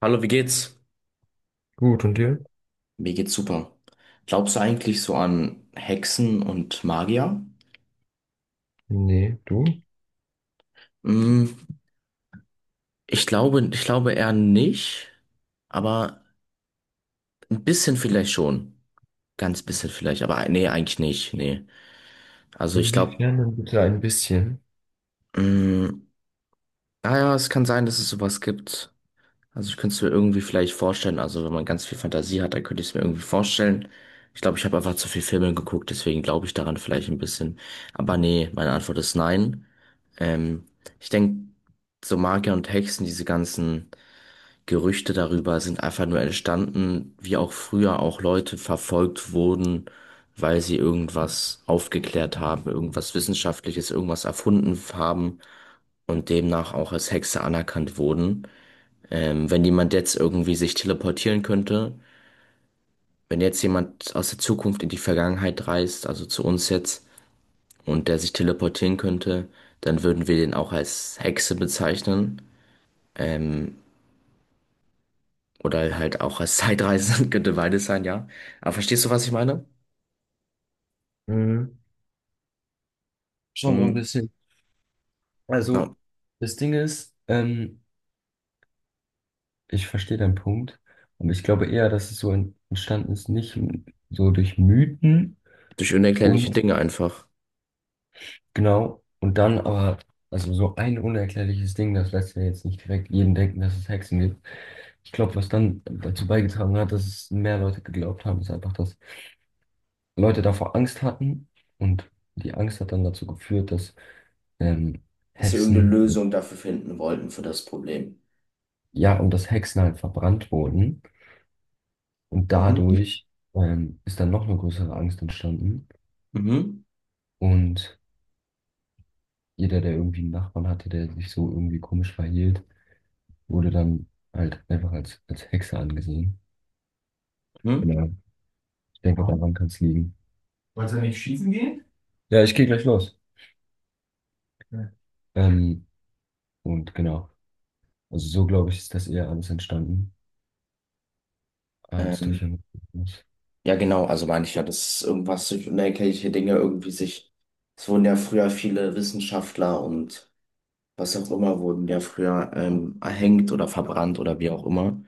Hallo, wie geht's? Gut, und dir? Mir geht's super. Glaubst du eigentlich so an Hexen und Magier? Nee, du? Mm, Ich glaube eher nicht, aber ein bisschen vielleicht schon. Ganz bisschen vielleicht, aber nee, eigentlich nicht, nee. Also ich glaube, Inwiefern dann bitte ein bisschen? naja, es kann sein, dass es sowas gibt. Also ich könnte es mir irgendwie vielleicht vorstellen, also wenn man ganz viel Fantasie hat, dann könnte ich es mir irgendwie vorstellen. Ich glaube, ich habe einfach zu viel Filme geguckt, deswegen glaube ich daran vielleicht ein bisschen. Aber nee, meine Antwort ist nein. Ähm, Ich denke, so Magier und Hexen, diese ganzen Gerüchte darüber sind einfach nur entstanden, wie auch früher auch Leute verfolgt wurden, weil sie irgendwas aufgeklärt haben, irgendwas Wissenschaftliches, irgendwas erfunden haben und demnach auch als Hexe anerkannt wurden. Wenn jemand jetzt irgendwie sich teleportieren könnte, wenn jetzt jemand aus der Zukunft in die Vergangenheit reist, also zu uns jetzt, und der sich teleportieren könnte, dann würden wir den auch als Hexe bezeichnen. Ähm, oder halt auch als Zeitreisende könnte beides sein, ja. Aber verstehst du, was ich meine? Mhm. Schon so ein Mhm. bisschen. Ja. Also, das Ding ist, ich verstehe deinen Punkt. Und ich glaube eher, dass es so entstanden ist, nicht so durch Mythen Durch unerklärliche und Dinge einfach. genau, und dann aber, also so ein unerklärliches Ding, das lässt ja jetzt nicht direkt jeden denken, dass es Hexen gibt. Ich glaube, was dann dazu beigetragen hat, dass es mehr Leute geglaubt haben, ist einfach, dass Leute davor Angst hatten und die Angst hat dann dazu geführt, dass ähm, Dass wir irgendeine Hexen, Lösung dafür finden wollten für das Problem. ja, und dass Hexen halt verbrannt wurden und Mhm. dadurch ist dann noch eine größere Angst entstanden Mhm. und jeder, der irgendwie einen Nachbarn hatte, der sich so irgendwie komisch verhielt, wurde dann halt einfach als, als Hexe angesehen. Mhm. Genau. Ich denke, daran kann es liegen. Wolltest du nicht schießen gehen? Ja, ich gehe gleich los. Ja. Ähm, und genau, also so glaube ich, ist das eher alles entstanden, als Ähm, durch ein... Ja, genau, also meine ich ja, dass irgendwas durch unerklärliche Dinge irgendwie sich, es wurden ja früher viele Wissenschaftler und was auch immer, wurden ja früher erhängt oder verbrannt oder wie auch immer,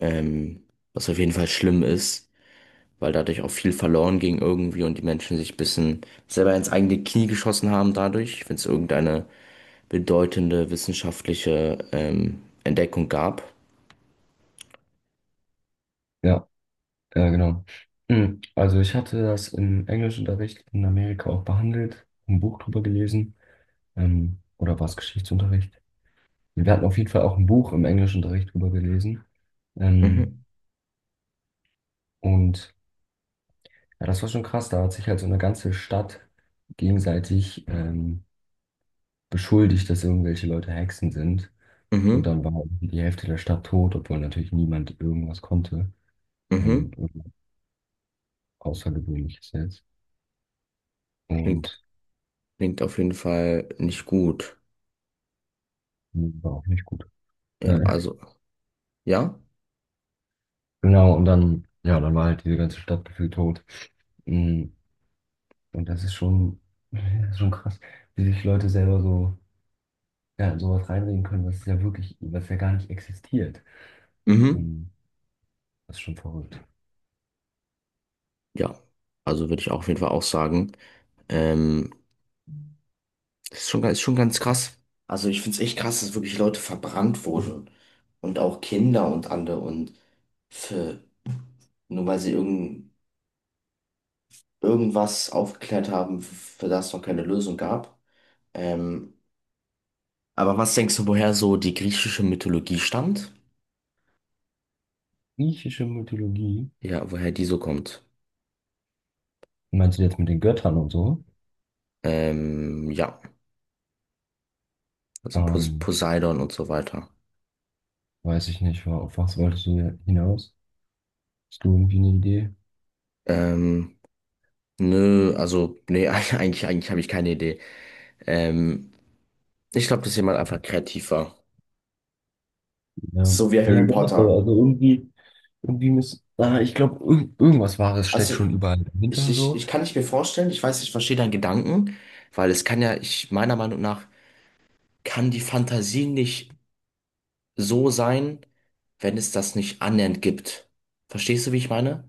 ähm, was auf jeden Fall schlimm ist, weil dadurch auch viel verloren ging irgendwie und die Menschen sich ein bisschen selber ins eigene Knie geschossen haben dadurch, wenn es irgendeine bedeutende wissenschaftliche Entdeckung gab. Ja, ja, genau. Mm, also ich hatte das im Englischunterricht in Amerika auch behandelt, ein Buch drüber gelesen, oder war es Geschichtsunterricht? Wir hatten auf jeden Fall auch ein Buch im Englischunterricht drüber gelesen. Ähm, Mhm, und ja, das war schon krass, da hat sich halt so eine ganze Stadt gegenseitig beschuldigt, dass irgendwelche Leute Hexen sind. Und mhm, dann war irgendwie die Hälfte der Stadt tot, obwohl natürlich niemand irgendwas konnte. Mhm. Irgendwas Außergewöhnliches jetzt. Klingt, Und klingt auf jeden Fall nicht gut. war auch nicht gut. Ja, Äh, also. Ja? Genau, und dann, ja, dann war halt diese ganze Stadt gefühlt tot. Mm, und das ist schon krass, wie sich Leute selber so, ja, in sowas reinreden können, was ja wirklich, was ja gar nicht existiert. Mhm. Ähm, Das ist schon verrückt. Ja. Also würde ich auch auf jeden Fall auch sagen. Ähm, Das ist schon ganz krass. Also ich finde es echt krass, dass wirklich Leute verbrannt wurden. Und auch Kinder und andere und für, nur weil sie irgend, irgendwas aufgeklärt haben, für das es noch keine Lösung gab. Ähm, aber was denkst du, woher so die griechische Mythologie stammt? Griechische Mythologie, Ja, woher die so kommt. meinst du jetzt mit den Göttern und so? Ja, also Ähm, Poseidon und so weiter. weiß ich nicht, auf was wolltest du hier hinaus? Hast du irgendwie eine Idee? Ähm, Nö, also, nee, eigentlich habe ich keine Idee. Ähm, Ich glaube, dass jemand einfach kreativ war. Ja, So wie ja, Harry doch, aber Potter. also irgendwie, irgendwie muss, ah, ich glaube, irgendwas Wahres steckt Also, schon überall ich, dahinter, ich, so. ich kann nicht mir vorstellen, ich weiß, ich verstehe deinen Gedanken, weil es kann ja, ich, meiner Meinung nach, kann die Fantasie nicht so sein, wenn es das nicht annähernd gibt. Verstehst du, wie ich meine?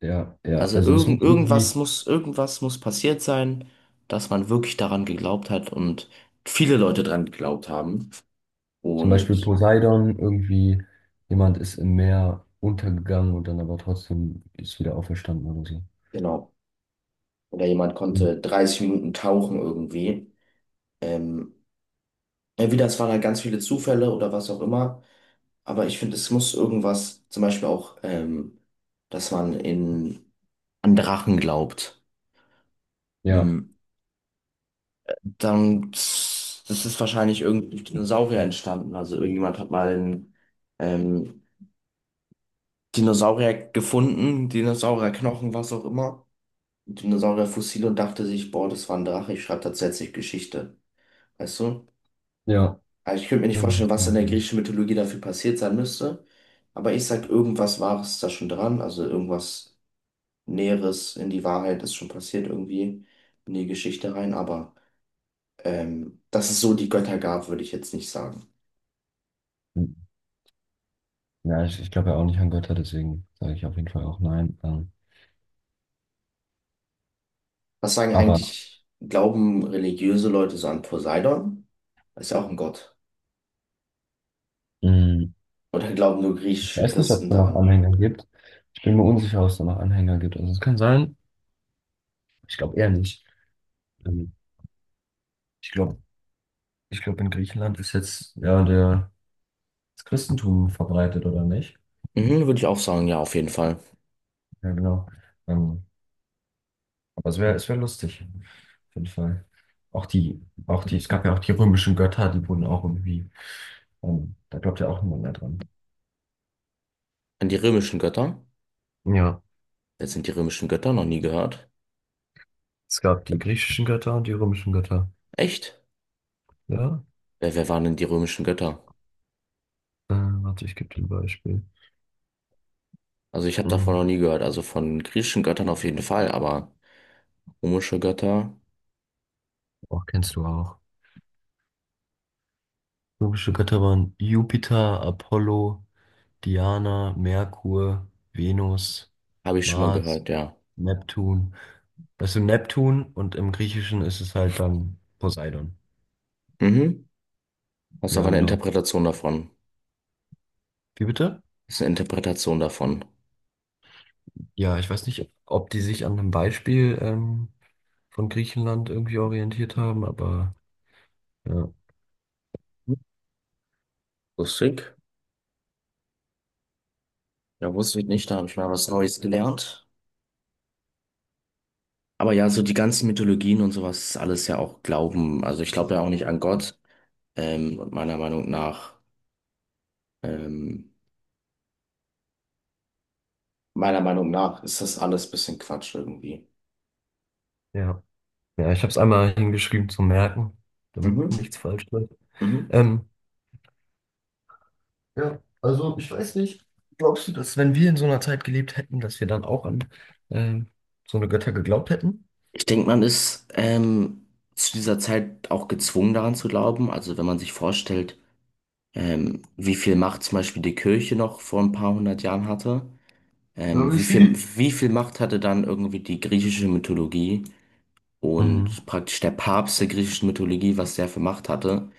Ja, ja, Also, also es irgend, muss irgendwie, irgendwas muss passiert sein, dass man wirklich daran geglaubt hat und viele Leute daran geglaubt haben. zum Beispiel Und Poseidon, irgendwie jemand ist im Meer untergegangen und dann aber trotzdem ist wieder auferstanden oder so. genau. Oder jemand Mhm. konnte 30 Minuten tauchen irgendwie. Ähm, Entweder es waren halt ganz viele Zufälle oder was auch immer. Aber ich finde, es muss irgendwas, zum Beispiel auch, dass man in, an Drachen glaubt. Ja, Hm, dann, das ist wahrscheinlich irgendwie durch Dinosaurier entstanden. Also irgendjemand hat mal einen, ähm, Dinosaurier gefunden, Dinosaurierknochen, was auch immer. Dinosaurierfossil und dachte sich, boah, das war ein Drache, ich schreibe tatsächlich Geschichte. Weißt du? ja. Also ich könnte mir nicht Mhm. vorstellen, was in der griechischen Mythologie dafür passiert sein müsste. Aber ich sag, irgendwas Wahres ist da schon dran. Also irgendwas Näheres in die Wahrheit ist schon passiert irgendwie in die Geschichte rein. Aber dass es so die Götter gab, würde ich jetzt nicht sagen. Ja, ich glaube ja auch nicht an Götter, deswegen sage ich auf jeden Fall auch nein. Was sagen aber eigentlich, glauben religiöse Leute so an Poseidon? Ist ja auch ein Gott. mh, Oder glauben nur ich griechische weiß nicht, ob es Christen da noch daran? Anhänger gibt. Ich bin mir unsicher, ob es da noch Anhänger gibt. Also es kann sein, ich glaube eher nicht. Ähm, Ich glaube, in Griechenland ist jetzt ja der, das Christentum verbreitet, oder nicht? Mhm, würde ich auch sagen, ja, auf jeden Fall. Ja, genau. Ähm, aber es wär lustig, auf jeden Fall. Auch die, auch die, es gab ja auch die römischen Götter, die wurden auch irgendwie, da glaubt ja auch niemand mehr dran. An die römischen Götter. Ja, Jetzt sind die römischen Götter noch nie gehört. es gab die griechischen Götter und die römischen Götter. Echt? Ja, Wer waren denn die römischen Götter? Warte, ich gebe dir ein Beispiel. Also ich habe davon noch Mhm. nie gehört. Also von griechischen Göttern auf jeden Fall, aber römische Götter Auch kennst du auch. Römische Götter waren Jupiter, Apollo, Diana, Merkur, Venus, habe ich schon mal Mars, gehört, ja. Neptun. Weißt du, Neptun und im Griechischen ist es halt dann Poseidon. Mhm. Das ist aber Ja, eine genau. Interpretation davon. Wie bitte? Das ist eine Interpretation davon. Ja, ich weiß nicht, ob die sich an einem Beispiel von Griechenland irgendwie orientiert haben, aber ja, Lustig. Ja, wusste ich nicht, da habe ich mal was Neues gelernt. Aber ja, so die ganzen Mythologien und sowas ist alles ja auch Glauben. Also ich glaube ja auch nicht an Gott. Und ähm, meiner Meinung nach ist das alles ein bisschen Quatsch irgendwie. ja. Ja, ich habe es einmal hingeschrieben zum Merken, damit Mhm. nichts falsch wird. Mhm. Ähm, ja, also ich weiß nicht. Glaubst du, dass wenn wir in so einer Zeit gelebt hätten, dass wir dann auch an ähm, so eine Götter geglaubt hätten? Ich denke, man ist zu dieser Zeit auch gezwungen daran zu glauben. Also wenn man sich vorstellt, wie viel Macht zum Beispiel die Kirche noch vor ein paar hundert Jahren hatte, Ja, wir sehen. wie viel Macht hatte dann irgendwie die griechische Mythologie Mhm. und praktisch der Papst der griechischen Mythologie, was der für Macht hatte.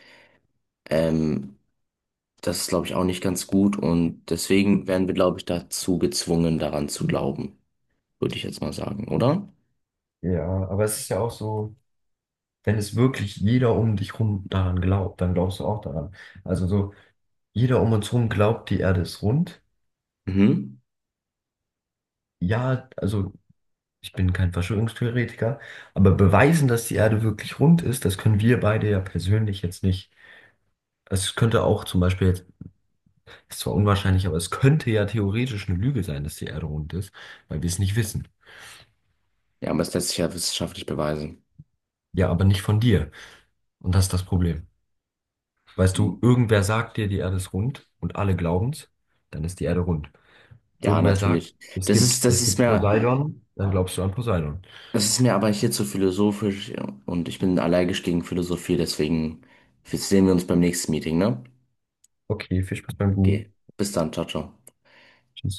Ähm, Das ist, glaube ich, auch nicht ganz gut und deswegen werden wir, glaube ich, dazu gezwungen, daran zu glauben, würde ich jetzt mal sagen, oder? Ja, aber es ist ja auch so, wenn es wirklich jeder um dich rum daran glaubt, dann glaubst du auch daran. Also so, jeder um uns herum glaubt, die Erde ist rund. Mhm. Ja, also ich bin kein Verschwörungstheoretiker, aber beweisen, dass die Erde wirklich rund ist, das können wir beide ja persönlich jetzt nicht. Es könnte auch zum Beispiel jetzt, ist zwar unwahrscheinlich, aber es könnte ja theoretisch eine Lüge sein, dass die Erde rund ist, weil wir es nicht wissen. Ja, aber es lässt sich ja wissenschaftlich beweisen. Ja, aber nicht von dir. Und das ist das Problem. Weißt du, irgendwer sagt dir, die Erde ist rund und alle glauben's, dann ist die Erde rund. Ja, Irgendwer sagt, natürlich. Das ist, das es ist gibt mir, Poseidon, dann glaubst du an Poseidon. das ist mir aber hier zu philosophisch ja. Und ich bin allergisch gegen Philosophie, deswegen sehen wir uns beim nächsten Meeting, ne? Okay, viel Spaß beim Okay. Googlen. Bis dann, ciao, ciao. Tschüss.